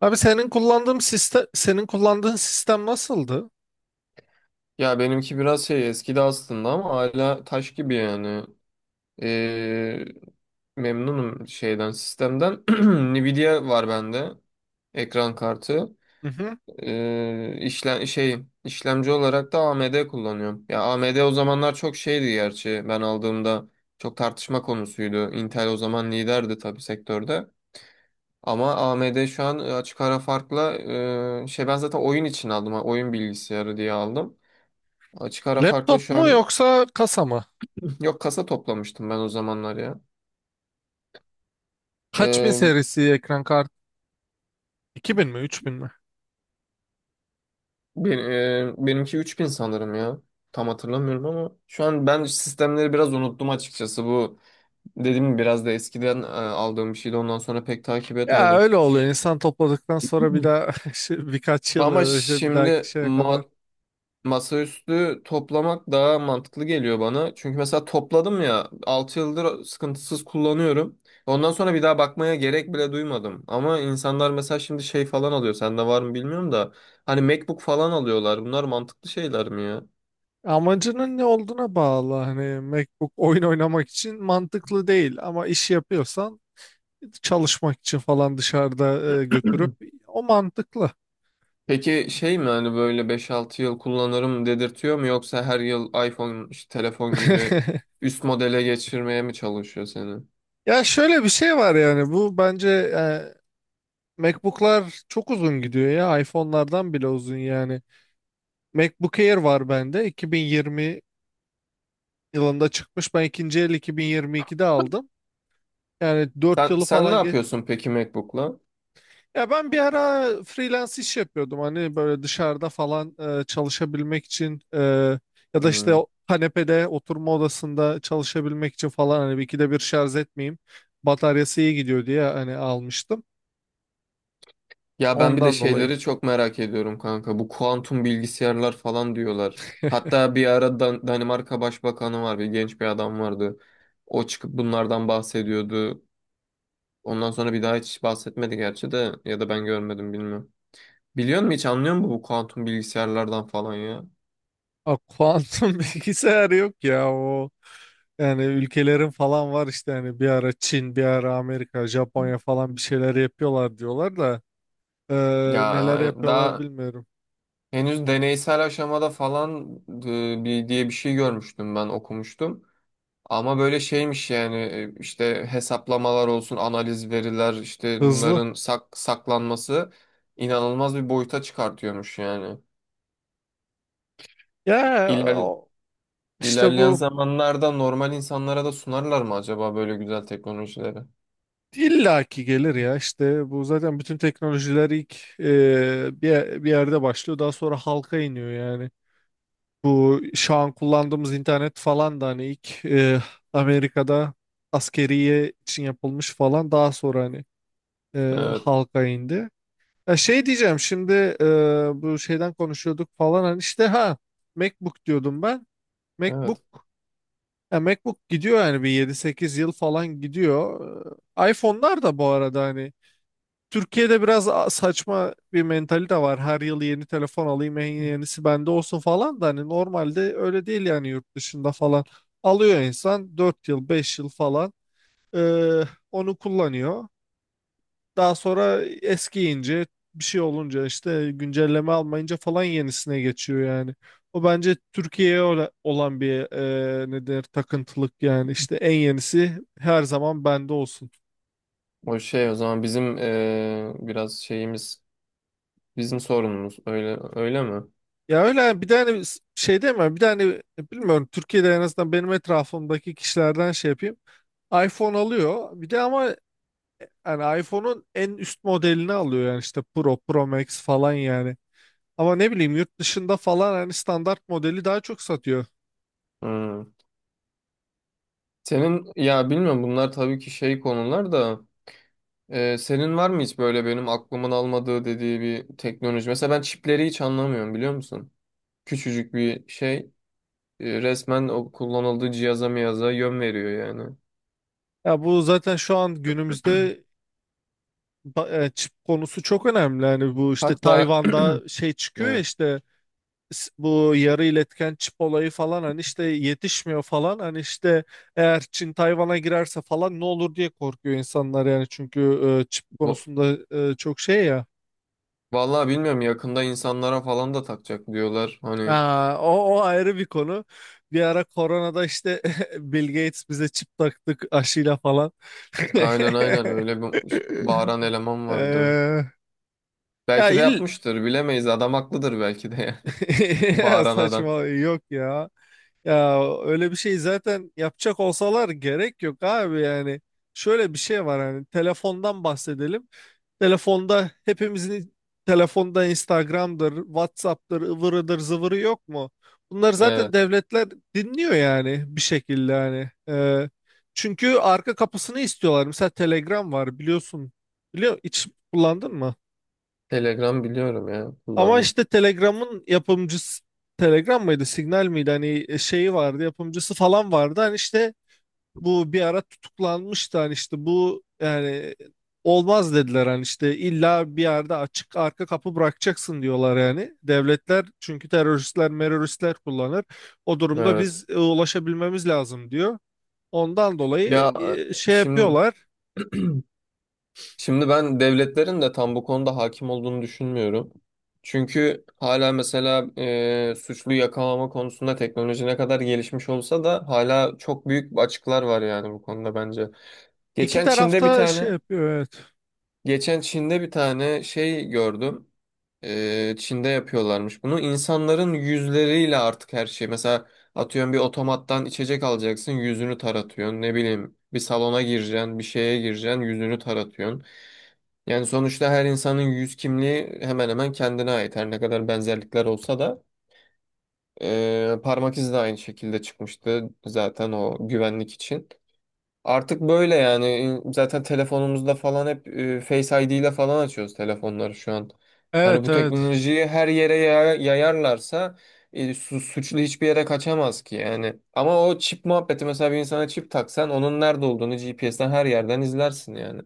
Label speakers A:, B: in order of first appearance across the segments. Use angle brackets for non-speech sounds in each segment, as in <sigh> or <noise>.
A: Abi senin kullandığın sistem nasıldı?
B: Ya benimki biraz şey eskidi aslında ama hala taş gibi yani. Ee, memnunum şeyden sistemden. <clears throat> Nvidia var bende. Ekran kartı.
A: Hı hı.
B: İşlemci olarak da AMD kullanıyorum. Ya AMD o zamanlar çok şeydi gerçi. Ben aldığımda çok tartışma konusuydu. Intel o zaman liderdi tabii sektörde. Ama AMD şu an açık ara farkla, ben zaten oyun için aldım. Ha, Oyun bilgisayarı diye aldım. Açık ara farklı
A: Laptop
B: şu
A: mu
B: an.
A: yoksa kasa mı?
B: Yok, kasa toplamıştım ben o zamanlar ya.
A: Kaç bin
B: Ee,
A: serisi ekran kartı? İki bin mi 3000 mi?
B: benimki 3000 sanırım ya. Tam hatırlamıyorum ama şu an ben sistemleri biraz unuttum açıkçası. Bu, dediğim gibi, biraz da eskiden aldığım bir şeydi. Ondan sonra pek takip
A: Ya
B: etmedim.
A: öyle oluyor insan topladıktan sonra bir
B: Hı.
A: daha <laughs> işte birkaç yıl ya
B: Ama
A: da işte bir dahaki
B: şimdi
A: şeye kadar.
B: masaüstü toplamak daha mantıklı geliyor bana. Çünkü mesela topladım ya, 6 yıldır sıkıntısız kullanıyorum. Ondan sonra bir daha bakmaya gerek bile duymadım. Ama insanlar mesela şimdi şey falan alıyor. Sende var mı bilmiyorum da. Hani MacBook falan alıyorlar. Bunlar mantıklı şeyler mi ya?
A: Amacının ne olduğuna bağlı hani MacBook oyun oynamak için mantıklı değil ama iş yapıyorsan çalışmak için falan dışarıda götürüp o mantıklı.
B: Peki şey mi, hani böyle 5-6 yıl kullanırım dedirtiyor mu, yoksa her yıl iPhone işte telefon gibi
A: <laughs>
B: üst modele geçirmeye mi çalışıyor seni?
A: Ya şöyle bir şey var yani bu bence MacBook'lar çok uzun gidiyor ya. iPhone'lardan bile uzun yani. MacBook Air var bende. 2020 yılında çıkmış. Ben ikinci el 2022'de aldım. Yani 4
B: Sen
A: yılı
B: sen ne
A: falan geç.
B: yapıyorsun peki MacBook'la?
A: Ya ben bir ara freelance iş yapıyordum. Hani böyle dışarıda falan çalışabilmek için ya da işte
B: Hmm.
A: o kanepede oturma odasında çalışabilmek için falan hani bir ikide bir şarj etmeyeyim. Bataryası iyi gidiyor diye hani almıştım.
B: Ya ben bir de
A: Ondan dolayı.
B: şeyleri çok merak ediyorum kanka. Bu kuantum bilgisayarlar falan diyorlar. Hatta bir ara Danimarka Başbakanı var, bir genç bir adam vardı. O çıkıp bunlardan bahsediyordu. Ondan sonra bir daha hiç bahsetmedi gerçi, de ya da ben görmedim, bilmiyorum. Biliyor musun, hiç anlıyor musun bu kuantum bilgisayarlardan falan ya?
A: A, kuantum <laughs> bilgisayar yok ya o. Yani ülkelerin falan var işte hani bir ara Çin, bir ara Amerika, Japonya falan bir şeyler yapıyorlar diyorlar da e,
B: Ya
A: neler yapıyorlar
B: daha
A: bilmiyorum.
B: henüz deneysel aşamada falan bir diye bir şey görmüştüm, ben okumuştum. Ama böyle şeymiş yani, işte hesaplamalar olsun, analiz veriler, işte
A: Hızlı.
B: bunların saklanması inanılmaz bir boyuta çıkartıyormuş yani.
A: Ya
B: İler
A: o- işte
B: ilerleyen
A: bu
B: zamanlarda normal insanlara da sunarlar mı acaba böyle güzel teknolojileri?
A: illaki gelir ya işte bu zaten bütün teknolojiler ilk bir yerde başlıyor daha sonra halka iniyor yani. Bu şu an kullandığımız internet falan da hani ilk Amerika'da askeriye için yapılmış falan daha sonra hani
B: Evet,
A: halka indi. Ya şey diyeceğim şimdi bu şeyden konuşuyorduk falan hani işte ha MacBook diyordum ben. MacBook
B: evet.
A: MacBook gidiyor yani bir 7-8 yıl falan gidiyor. iPhone'lar da bu arada hani Türkiye'de biraz saçma bir mentalite var. Her yıl yeni telefon alayım en yenisi bende olsun falan da hani normalde öyle değil yani yurt dışında falan. Alıyor insan 4 yıl 5 yıl falan e, onu kullanıyor. Daha sonra eskiyince bir şey olunca işte güncelleme almayınca falan yenisine geçiyor yani. O bence Türkiye'ye olan bir ne denir takıntılık yani işte en yenisi her zaman bende olsun.
B: O şey, o zaman bizim biraz şeyimiz, bizim sorunumuz öyle öyle mi?
A: Ya öyle yani bir tane şey demiyorum bir tane bilmiyorum Türkiye'de en azından benim etrafımdaki kişilerden şey yapayım. iPhone alıyor bir de ama yani iPhone'un en üst modelini alıyor yani işte Pro, Pro Max falan yani. Ama ne bileyim yurt dışında falan hani standart modeli daha çok satıyor.
B: Hmm. Senin, ya bilmiyorum, bunlar tabii ki şey konular da. Senin var mı hiç böyle benim aklımın almadığı dediği bir teknoloji? Mesela ben çipleri hiç anlamıyorum, biliyor musun? Küçücük bir şey, resmen o kullanıldığı cihaza miyaza yön veriyor yani.
A: Ya bu zaten şu an günümüzde çip konusu çok önemli. Yani bu işte
B: Hatta
A: Tayvan'da
B: <clears throat>
A: şey çıkıyor ya
B: evet,
A: işte bu yarı iletken çip olayı falan hani işte yetişmiyor falan. Hani işte eğer Çin Tayvan'a girerse falan ne olur diye korkuyor insanlar yani çünkü çip
B: bu-
A: konusunda çok şey ya.
B: vallahi bilmiyorum, yakında insanlara falan da takacak diyorlar. Hani
A: Aa, o ayrı bir konu. Bir ara koronada işte <laughs> Bill Gates bize çip taktık aşıyla falan. <laughs>
B: aynen aynen öyle bir bağıran eleman vardı.
A: Ee, ya
B: Belki de
A: il-
B: yapmıştır, bilemeyiz, adam haklıdır belki de yani. <laughs>
A: <laughs>
B: Bağıran adam.
A: Saçma yok ya. Ya öyle bir şey zaten yapacak olsalar gerek yok abi yani. Şöyle bir şey var hani telefondan bahsedelim. Telefonda hepimizin telefonda Instagram'dır, WhatsApp'tır, ıvırıdır, zıvırı yok mu? Bunlar zaten
B: Evet.
A: devletler dinliyor yani bir şekilde hani. Çünkü arka kapısını istiyorlar. Mesela Telegram var biliyorsun. Biliyor, hiç kullandın mı?
B: Telegram biliyorum ya,
A: Ama
B: kullandım.
A: işte Telegram'ın yapımcısı Telegram mıydı, Signal miydi? Hani şeyi vardı, yapımcısı falan vardı. Hani işte bu bir ara tutuklanmıştı. Hani işte bu yani olmaz dediler. Hani işte illa bir yerde açık arka kapı bırakacaksın diyorlar yani. Devletler çünkü teröristler, meröristler kullanır. O durumda
B: Evet.
A: biz ulaşabilmemiz lazım diyor. Ondan
B: Ya,
A: dolayı şey
B: Şimdi
A: yapıyorlar.
B: Şimdi ben devletlerin de tam bu konuda hakim olduğunu düşünmüyorum. Çünkü hala mesela suçlu yakalama konusunda teknoloji ne kadar gelişmiş olsa da hala çok büyük açıklar var yani bu konuda bence.
A: İki
B: Geçen Çin'de bir
A: tarafta şey
B: tane,
A: yapıyor evet.
B: Geçen Çin'de bir tane şey gördüm. Çin'de yapıyorlarmış bunu. İnsanların yüzleriyle artık her şey. Mesela atıyorum, bir otomattan içecek alacaksın, yüzünü taratıyorsun. Ne bileyim, bir salona gireceksin, bir şeye gireceksin, yüzünü taratıyorsun. Yani sonuçta her insanın yüz kimliği hemen hemen kendine ait. Her ne kadar benzerlikler olsa da parmak izi de aynı şekilde çıkmıştı zaten o güvenlik için. Artık böyle yani, zaten telefonumuzda falan hep Face ID ile falan açıyoruz telefonları şu an. Hani
A: Evet
B: bu
A: evet.
B: teknolojiyi her yere yayarlarsa, suçlu hiçbir yere kaçamaz ki yani. Ama o çip muhabbeti, mesela bir insana çip taksan onun nerede olduğunu GPS'ten her yerden izlersin yani.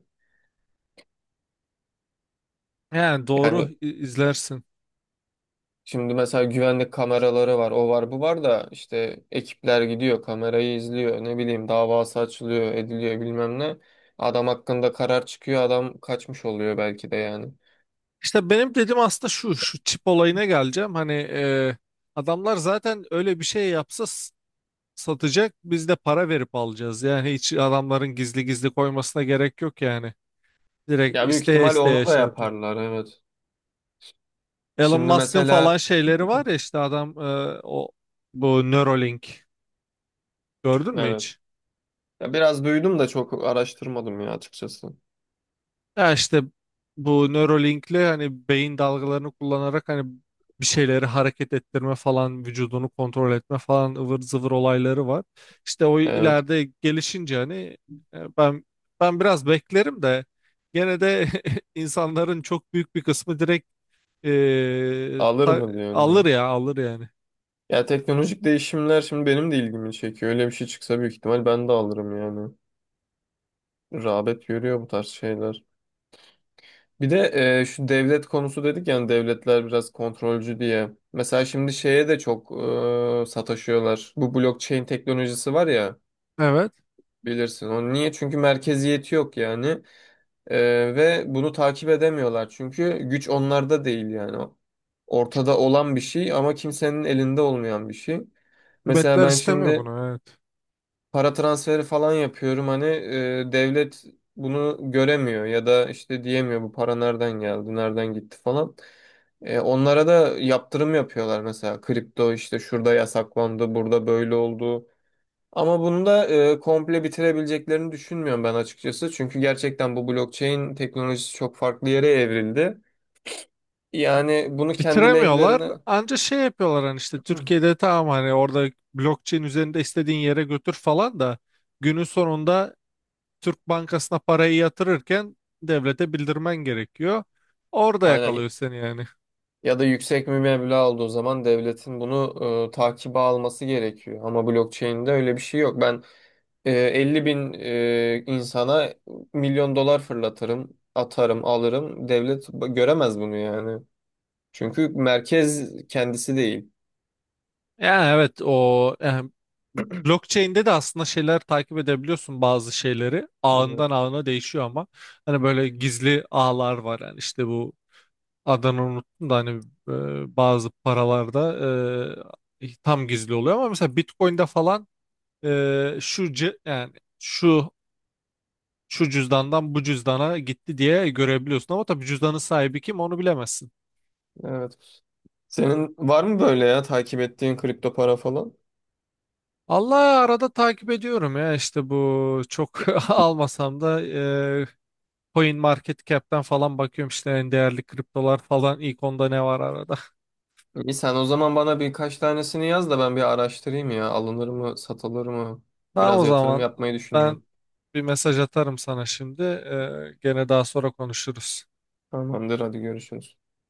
A: Yani doğru
B: Yani,
A: izlersin.
B: şimdi mesela güvenlik kameraları var, o var, bu var da işte ekipler gidiyor, kamerayı izliyor, ne bileyim davası açılıyor, ediliyor, bilmem ne. Adam hakkında karar çıkıyor, adam kaçmış oluyor belki de yani.
A: İşte benim dediğim aslında şu çip olayına geleceğim. Hani adamlar zaten öyle bir şey yapsa satacak, biz de para verip alacağız. Yani hiç adamların gizli gizli koymasına gerek yok yani. Direkt
B: Ya, büyük
A: isteye
B: ihtimal onu
A: isteye
B: da
A: şey yapacak.
B: yaparlar, evet.
A: Elon
B: Şimdi
A: Musk'ın falan
B: mesela,
A: şeyleri var ya işte adam o bu Neuralink gördün mü
B: evet.
A: hiç?
B: Ya, biraz duydum da çok araştırmadım ya açıkçası.
A: Ya işte bu Neuralink'le hani beyin dalgalarını kullanarak hani bir şeyleri hareket ettirme falan vücudunu kontrol etme falan ıvır zıvır olayları var. İşte o
B: Evet.
A: ileride gelişince hani e, ben ben biraz beklerim de gene de <laughs> insanların çok büyük bir kısmı direkt e,
B: Alır
A: ta-
B: mı diyorsun,
A: alır
B: yani?
A: ya alır yani.
B: Ya teknolojik değişimler şimdi benim de ilgimi çekiyor. Öyle bir şey çıksa büyük ihtimal ben de alırım yani. Rağbet görüyor bu tarz şeyler. Bir de şu devlet konusu dedik yani, devletler biraz kontrolcü diye. Mesela şimdi şeye de çok sataşıyorlar. Bu blockchain teknolojisi var ya,
A: Evet.
B: bilirsin. Onu niye? Çünkü merkeziyeti yok yani. E, Ve bunu takip edemiyorlar. Çünkü güç onlarda değil yani. Ortada olan bir şey ama kimsenin elinde olmayan bir şey. Mesela
A: Hükümetler
B: ben
A: istemiyor
B: şimdi
A: bunu evet.
B: para transferi falan yapıyorum, hani devlet bunu göremiyor ya da işte diyemiyor bu para nereden geldi, nereden gitti falan. Onlara da yaptırım yapıyorlar, mesela kripto işte şurada yasaklandı, burada böyle oldu. Ama bunu da komple bitirebileceklerini düşünmüyorum ben açıkçası. Çünkü gerçekten bu blockchain teknolojisi çok farklı yere evrildi. Yani bunu kendi
A: Bitiremiyorlar.
B: lehlerine.
A: Anca şey yapıyorlar hani işte
B: Hı.
A: Türkiye'de tamam hani orada blockchain üzerinde istediğin yere götür falan da günün sonunda Türk Bankası'na parayı yatırırken devlete bildirmen gerekiyor. Orada
B: Aynen.
A: yakalıyor seni yani.
B: Ya da yüksek bir meblağ olduğu zaman devletin bunu takibe alması gerekiyor. Ama blockchain'de öyle bir şey yok. Ben 50 bin insana milyon dolar fırlatırım, atarım, alırım. Devlet göremez bunu yani. Çünkü merkez kendisi değil.
A: Yani evet o yani blockchain'de de aslında şeyler takip edebiliyorsun bazı şeyleri.
B: Evet,
A: Ağından ağına değişiyor ama hani böyle gizli ağlar var yani işte bu adını unuttum da hani bazı paralarda tam gizli oluyor ama mesela Bitcoin'de falan yani şu şu cüzdandan bu cüzdana gitti diye görebiliyorsun ama tabii cüzdanın sahibi kim onu bilemezsin.
B: evet. Senin var mı böyle ya takip ettiğin kripto para falan?
A: Allah arada takip ediyorum ya işte bu çok <laughs> almasam da Coin Market Cap'ten falan bakıyorum işte en değerli kriptolar falan ilk 10'da ne var arada.
B: İyi, sen o zaman bana birkaç tanesini yaz da ben bir araştırayım ya. Alınır mı, satılır mı?
A: Tamam
B: Biraz
A: o
B: yatırım
A: zaman
B: yapmayı
A: ben
B: düşünüyorum.
A: bir mesaj atarım sana şimdi. Gene daha sonra konuşuruz.
B: Tamamdır, hadi görüşürüz.